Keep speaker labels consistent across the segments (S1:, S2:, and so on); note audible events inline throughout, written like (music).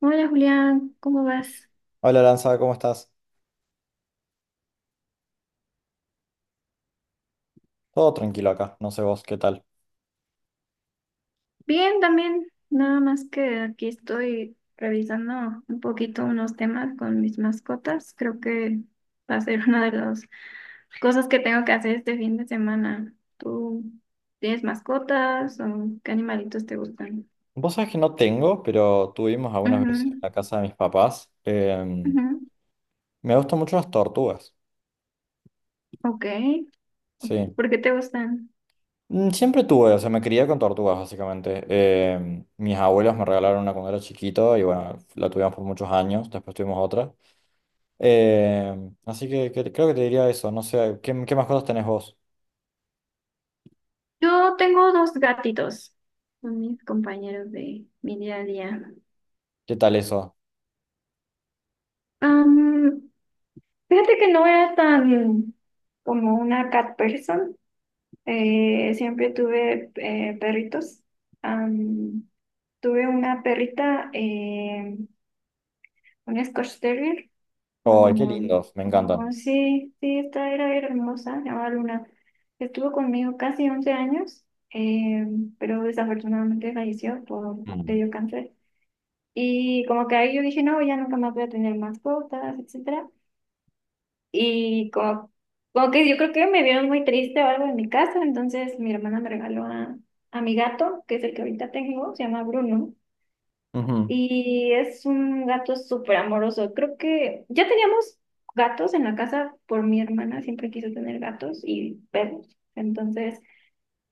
S1: Hola Julián, ¿cómo vas?
S2: Hola Lanza, ¿cómo estás? Todo tranquilo acá, no sé vos, ¿qué tal?
S1: Bien también, nada más que aquí estoy revisando un poquito unos temas con mis mascotas. Creo que va a ser (laughs) una de las cosas que tengo que hacer este fin de semana. ¿Tú tienes mascotas o qué animalitos te gustan?
S2: Vos sabés que no tengo, pero tuvimos algunas veces en
S1: Ujú,
S2: la casa de mis papás. em,
S1: ujú.
S2: me gustan mucho las tortugas,
S1: Ok,
S2: sí.
S1: ¿por qué te gustan?
S2: Siempre tuve, o sea, me crié con tortugas básicamente. Mis abuelos me regalaron una cuando era chiquito y bueno, la tuvimos por muchos años, después tuvimos otra. Así que, creo que te diría eso, no sé, ¿qué más cosas tenés vos?
S1: Yo tengo dos gatitos, son mis compañeros de mi día a día.
S2: ¿Qué tal eso?
S1: Fíjate que no era tan como una cat person. Siempre tuve perritos. Am, Tuve una perrita, un Scotch Terrier,
S2: ¡Ay, qué
S1: como,
S2: lindos! Me
S1: oh,
S2: encantan.
S1: sí, sí, esta era hermosa, se llamaba Luna. Estuvo conmigo casi 11 años, eh, pero desafortunadamente falleció le
S2: Mm.
S1: dio cáncer. Y como que ahí yo dije, no, ya nunca más voy a tener mascotas, etcétera. Y como que yo creo que me vieron muy triste o algo en mi casa, entonces mi hermana me regaló a mi gato, que es el que ahorita tengo, se llama Bruno,
S2: Ujú,
S1: y es un gato súper amoroso. Creo que ya teníamos gatos en la casa por mi hermana, siempre quiso tener gatos y perros. Entonces,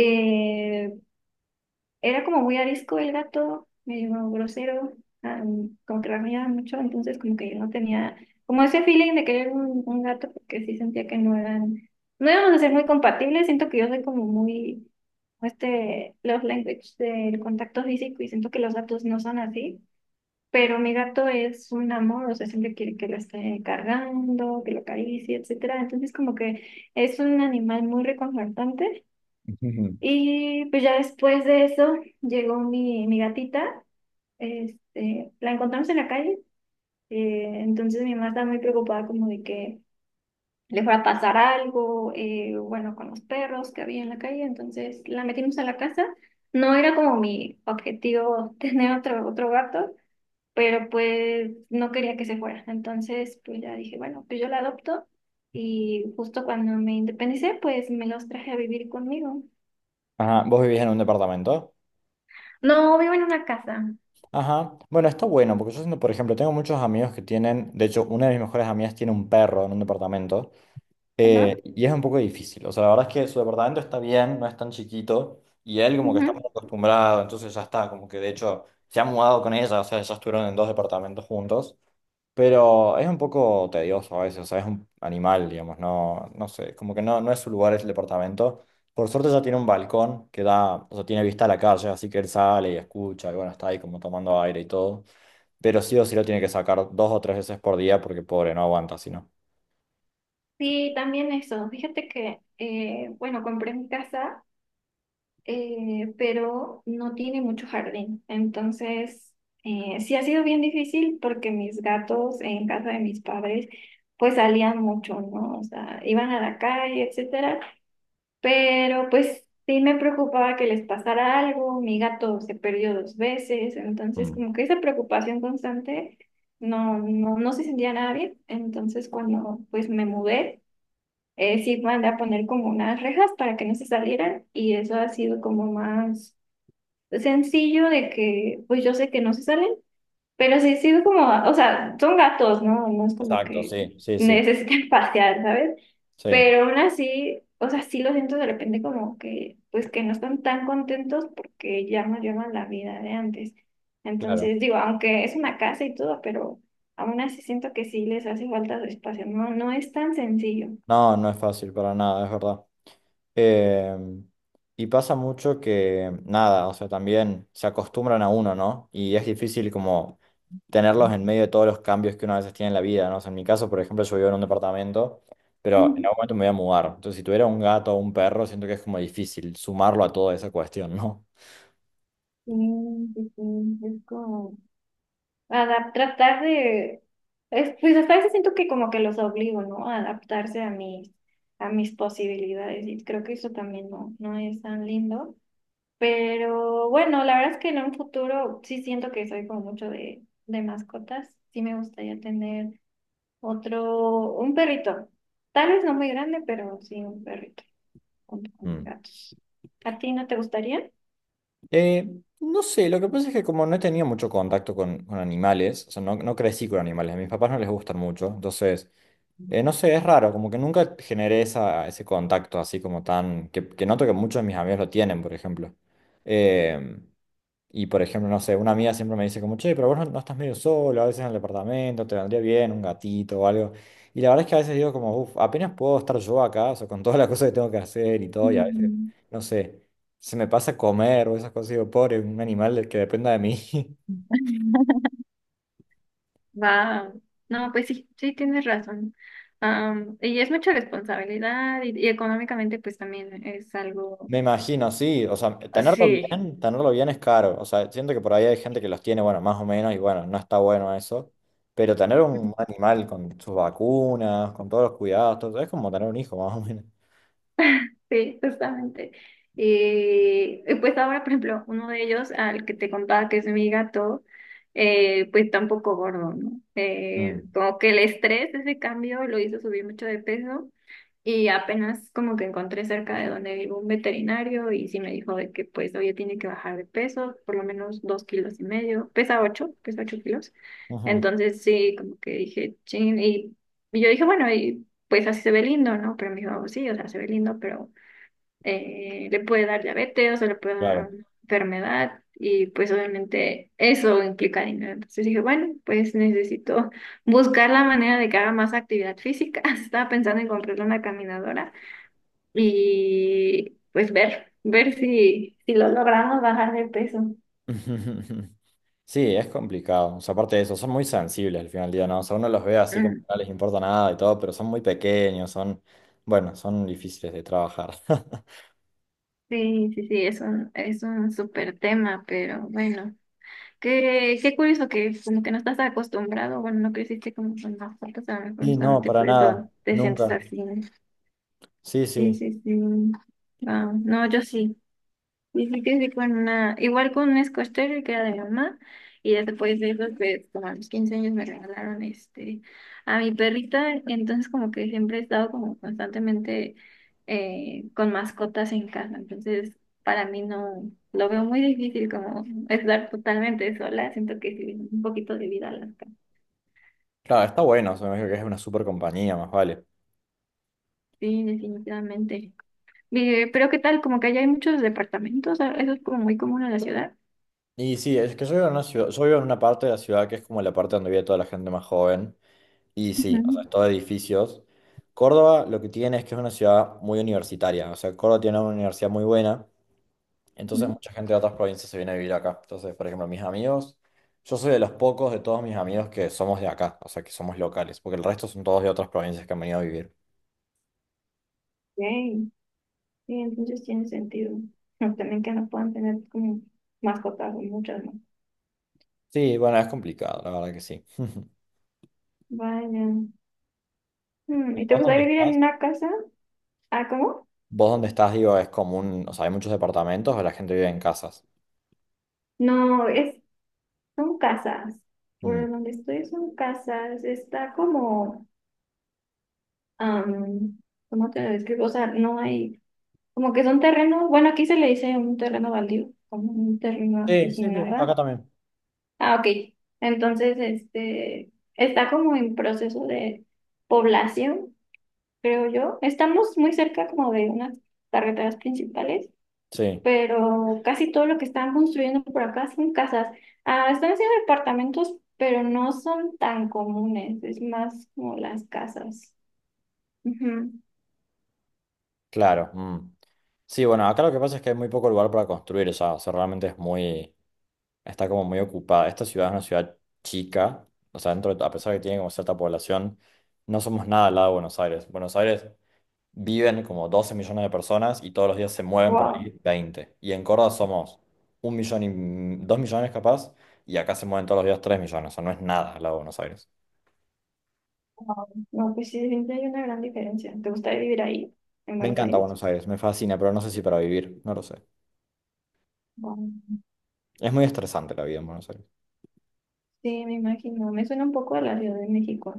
S1: Eh, era como muy arisco el gato, medio grosero, ah, como que rasguñaba mucho, entonces como que yo no tenía como ese feeling de querer un gato porque sí sentía que no íbamos a ser muy compatibles, siento que yo soy como muy, este, love language del contacto físico y siento que los gatos no son así, pero mi gato es un amor, o sea, siempre quiere que lo esté cargando, que lo acaricie, etcétera, entonces como que es un animal muy reconfortante
S2: (laughs) ujú.
S1: y pues ya después de eso llegó mi gatita, este, la encontramos en la calle, entonces mi mamá estaba muy preocupada como de que le fuera a pasar algo, bueno, con los perros que había en la calle, entonces la metimos a la casa. No era como mi objetivo (laughs) tener otro gato, pero pues no quería que se fuera, entonces pues ya dije, bueno, pues yo la adopto y justo cuando me independicé, pues me los traje a vivir conmigo.
S2: Ajá, ¿vos vivís en un departamento?
S1: No, vivo en una casa.
S2: Ajá. Bueno, está bueno, porque yo siento, por ejemplo, tengo muchos amigos que tienen, de hecho, una de mis mejores amigas tiene un perro en un departamento.
S1: Ajá,
S2: Y es un poco difícil. O sea, la verdad es que su departamento está bien, no es tan chiquito. Y él como que
S1: ujú.
S2: está muy acostumbrado, entonces ya está, como que de hecho se ha mudado con ella, o sea, ya estuvieron en dos departamentos juntos. Pero es un poco tedioso a veces, o sea, es un animal, digamos, no, no sé, como que no, no es su lugar el departamento. Por suerte ya tiene un balcón que da, o sea, tiene vista a la calle, así que él sale y escucha, y bueno, está ahí como tomando aire y todo. Pero sí o sí lo tiene que sacar dos o tres veces por día porque pobre, no aguanta si
S1: Sí, también eso. Fíjate que, bueno, compré mi casa, pero no tiene mucho jardín. Entonces, sí ha sido bien difícil porque mis gatos en casa de mis padres, pues salían mucho, ¿no? O sea, iban a la calle, etcétera. Pero pues sí me preocupaba que les pasara algo. Mi gato se perdió dos veces. Entonces,
S2: no.
S1: como que esa preocupación constante no, no, no se sentía nada bien. Entonces, cuando pues me mudé, sí mandé a poner como unas rejas para que no se salieran y eso ha sido como más sencillo de que pues yo sé que no se salen, pero sí ha sido como, o sea, son gatos, ¿no? No es como
S2: Exacto,
S1: que
S2: sí, sí, sí,
S1: necesiten (laughs) pasear, ¿sabes?
S2: sí,
S1: Pero aún así, o sea, sí lo siento de repente como que pues que no están tan contentos porque ya no llevan la vida de antes.
S2: claro.
S1: Entonces, digo, aunque es una casa y todo, pero aún así siento que sí les hace falta su espacio, no, no es tan sencillo.
S2: No, no es fácil para nada, es verdad. Eh, y pasa mucho que, nada, o sea, también se acostumbran a uno, ¿no? Y es difícil como tenerlos en medio de todos los cambios que uno a veces tiene en la vida, ¿no? O sea, en mi caso, por ejemplo, yo vivo en un departamento, pero en
S1: Ujú.
S2: algún momento me voy a mudar. Entonces, si tuviera un gato o un perro, siento que es como difícil sumarlo a toda esa cuestión, ¿no?
S1: Sí, sí, sí, es como tratar de, es, pues hasta a veces siento que como que los obligo, ¿no? A adaptarse a a mis posibilidades y creo que eso también no, no es tan lindo. Pero bueno, la verdad es que en un futuro sí siento que soy como mucho de mascotas. Sí me gustaría tener un perrito. Tal vez no muy grande, pero sí un perrito junto con mis
S2: Mm.
S1: gatos. ¿A ti no te gustaría?
S2: Eh, no sé, lo que pasa es que como no he tenido mucho contacto con animales, o sea, no, no crecí con animales, a mis papás no les gustan mucho, entonces, no sé, es raro, como que nunca generé esa, ese contacto así como tan, que noto que muchos de mis amigos lo tienen, por ejemplo. Eh, y por ejemplo, no sé, una amiga siempre me dice como, che, pero vos no, no estás medio solo, a veces en el departamento, te vendría bien un gatito o algo. Y la verdad es que a veces digo como, uff, apenas puedo estar yo acá, o sea, con todas las cosas que tengo que hacer y todo, y a veces,
S1: Mm.
S2: no sé, se me pasa comer o esas cosas, digo, pobre, un animal del que dependa de mí. (laughs)
S1: (laughs) Wow. No, pues sí, sí tienes razón. Y es mucha responsabilidad y económicamente pues también es algo.
S2: Me imagino, sí, o sea,
S1: Ah, sí.
S2: tenerlo bien es caro, o sea, siento que por ahí hay gente que los tiene, bueno, más o menos, y bueno, no está bueno eso, pero tener un animal con sus vacunas, con todos los cuidados, todo, es como tener un hijo, (laughs) más o menos.
S1: Sí, justamente. Y pues ahora, por ejemplo, uno de ellos, al que te contaba que es mi gato, pues está un poco gordo, ¿no?
S2: Mm.
S1: Como que el estrés, ese cambio, lo hizo subir mucho de peso. Y apenas como que encontré cerca de donde vivo un veterinario y sí me dijo de que pues oye tiene que bajar de peso, por lo menos 2,5 kilos, pesa ocho kilos.
S2: Ujú,
S1: Entonces sí, como que dije, chin, y yo dije, bueno, y pues así se ve lindo, ¿no? Pero me dijo, sí, o sea, se ve lindo, pero le puede dar diabetes, o sea, le puede dar
S2: claro.
S1: una enfermedad y pues obviamente eso implica dinero. Entonces dije, bueno, pues necesito buscar la manera de que haga más actividad física. (laughs) Estaba pensando en comprarle una caminadora y pues ver si lo logramos bajar de peso.
S2: (laughs) Sí, es complicado. O sea, aparte de eso, son muy sensibles al final del día, ¿no? O sea, uno los ve así como que
S1: Mm.
S2: no les importa nada y todo, pero son muy pequeños, son, bueno, son difíciles de trabajar. (laughs)
S1: Sí, sí, sí, es un súper tema, pero bueno. Qué curioso que es como que no estás acostumbrado, bueno, no creciste como con las fotos, a lo mejor
S2: Sí, no,
S1: justamente
S2: para
S1: por eso
S2: nada,
S1: te sientes
S2: nunca.
S1: así, ¿no?
S2: Sí,
S1: Sí,
S2: sí.
S1: sí, sí. Ah, no, yo sí. Y sí que sí con una, igual con un Scotch Terrier que era de mi mamá, y ya después de eso, pues como a los 15 años me regalaron este a mi perrita, entonces como que siempre he estado como constantemente con mascotas en casa, entonces para mí no, lo veo muy difícil como (laughs) estar totalmente sola, siento que sí, un poquito de vida a las casas.
S2: Claro, está bueno, o sea, me imagino que es una super compañía, más vale.
S1: Sí, definitivamente. Pero ¿qué tal? Como que allá hay muchos departamentos, ah, eso es como muy común en la ciudad.
S2: Y sí, es que yo vivo en una ciudad, yo vivo en una parte de la ciudad que es como la parte donde vive toda la gente más joven. Y sí, o sea,
S1: Ujú,
S2: es todo edificios. Córdoba lo que tiene es que es una ciudad muy universitaria, o sea, Córdoba tiene una universidad muy buena. Entonces
S1: ujú.
S2: mucha gente de otras provincias se viene a vivir acá. Entonces, por ejemplo, mis amigos, yo soy de los pocos de todos mis amigos que somos de acá, o sea, que somos locales, porque el resto son todos de otras provincias que han venido a vivir.
S1: Ok. Sí, entonces tiene sentido. Pero también que no puedan tener como mascotas o muchas, ¿no?
S2: Sí, bueno, es complicado, la verdad que sí. (laughs)
S1: Vaya.
S2: ¿Y
S1: ¿Y te
S2: vos
S1: gustaría
S2: dónde
S1: vivir
S2: estás?
S1: en una casa? Ah, ¿cómo?
S2: Vos dónde estás, digo, es común, o sea, hay muchos departamentos, o la gente vive en casas.
S1: No, son casas.
S2: Mm.
S1: Por donde estoy son casas. Está como, am, ¿cómo te lo describo? O sea, no hay, como que son terrenos. Bueno, aquí se le dice un terreno baldío, como un terreno así
S2: Sí, sí,
S1: sin
S2: sí, acá
S1: nada.
S2: también.
S1: Ah, ok. Entonces, este, está como en proceso de población, creo yo. Estamos muy cerca como de unas carreteras principales,
S2: Sí,
S1: pero casi todo lo que están construyendo por acá son casas. Ah, están haciendo departamentos, pero no son tan comunes, es más como las casas. Ujú.
S2: claro. Mm. Sí, bueno, acá lo que pasa es que hay muy poco lugar para construir ya, o sea, realmente es muy. Está como muy ocupada. Esta ciudad es una ciudad chica, o sea, a pesar de que tiene como cierta población, no somos nada al lado de Buenos Aires. Buenos Aires viven como 12 millones de personas y todos los días se mueven por
S1: Wow,
S2: ahí veinte. Y en Córdoba somos un millón y 2 millones capaz, y acá se mueven todos los días 3 millones, o sea, no es nada al lado de Buenos Aires.
S1: wow. No, pues sí, sí hay una gran diferencia. ¿Te gustaría vivir ahí, en
S2: Me
S1: Buenos
S2: encanta
S1: Aires?
S2: Buenos Aires, me fascina, pero no sé si para vivir, no lo sé.
S1: Wow.
S2: Es muy estresante la vida en Buenos Aires.
S1: Sí, me imagino. Me suena un poco a la Ciudad de México.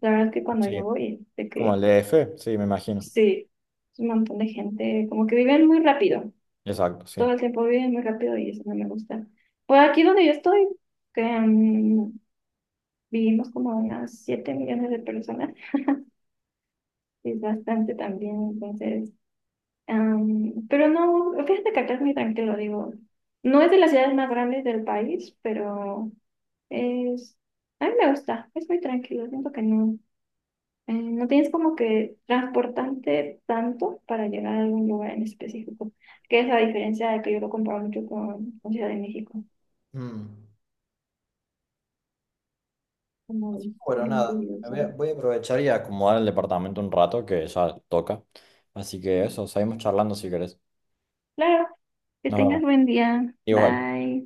S1: La verdad es que cuando
S2: Sí,
S1: yo voy, de
S2: como el
S1: que
S2: DF, sí, me imagino.
S1: sí, es un montón de gente, como que viven muy rápido.
S2: Exacto, sí.
S1: Todo el tiempo viven muy rápido y eso no me gusta. Por aquí donde yo estoy, que, vivimos como unas 7 millones de personas, es bastante también, entonces, pero no, fíjate que acá es muy tranquilo, digo, no es de las ciudades más grandes del país, pero es, a mí me gusta, es muy tranquilo, siento que no, no tienes como que transportarte tanto para llegar a algún lugar en específico, que es la diferencia de que yo lo comparo mucho con Ciudad de México.
S2: Mm.
S1: Como
S2: Así
S1: ves,
S2: que bueno,
S1: bien
S2: nada,
S1: curioso.
S2: voy a aprovechar y acomodar el departamento un rato que ya toca. Así que eso, seguimos charlando si querés.
S1: Claro, que
S2: Nos
S1: tengas
S2: vemos.
S1: buen día.
S2: Igual.
S1: Bye.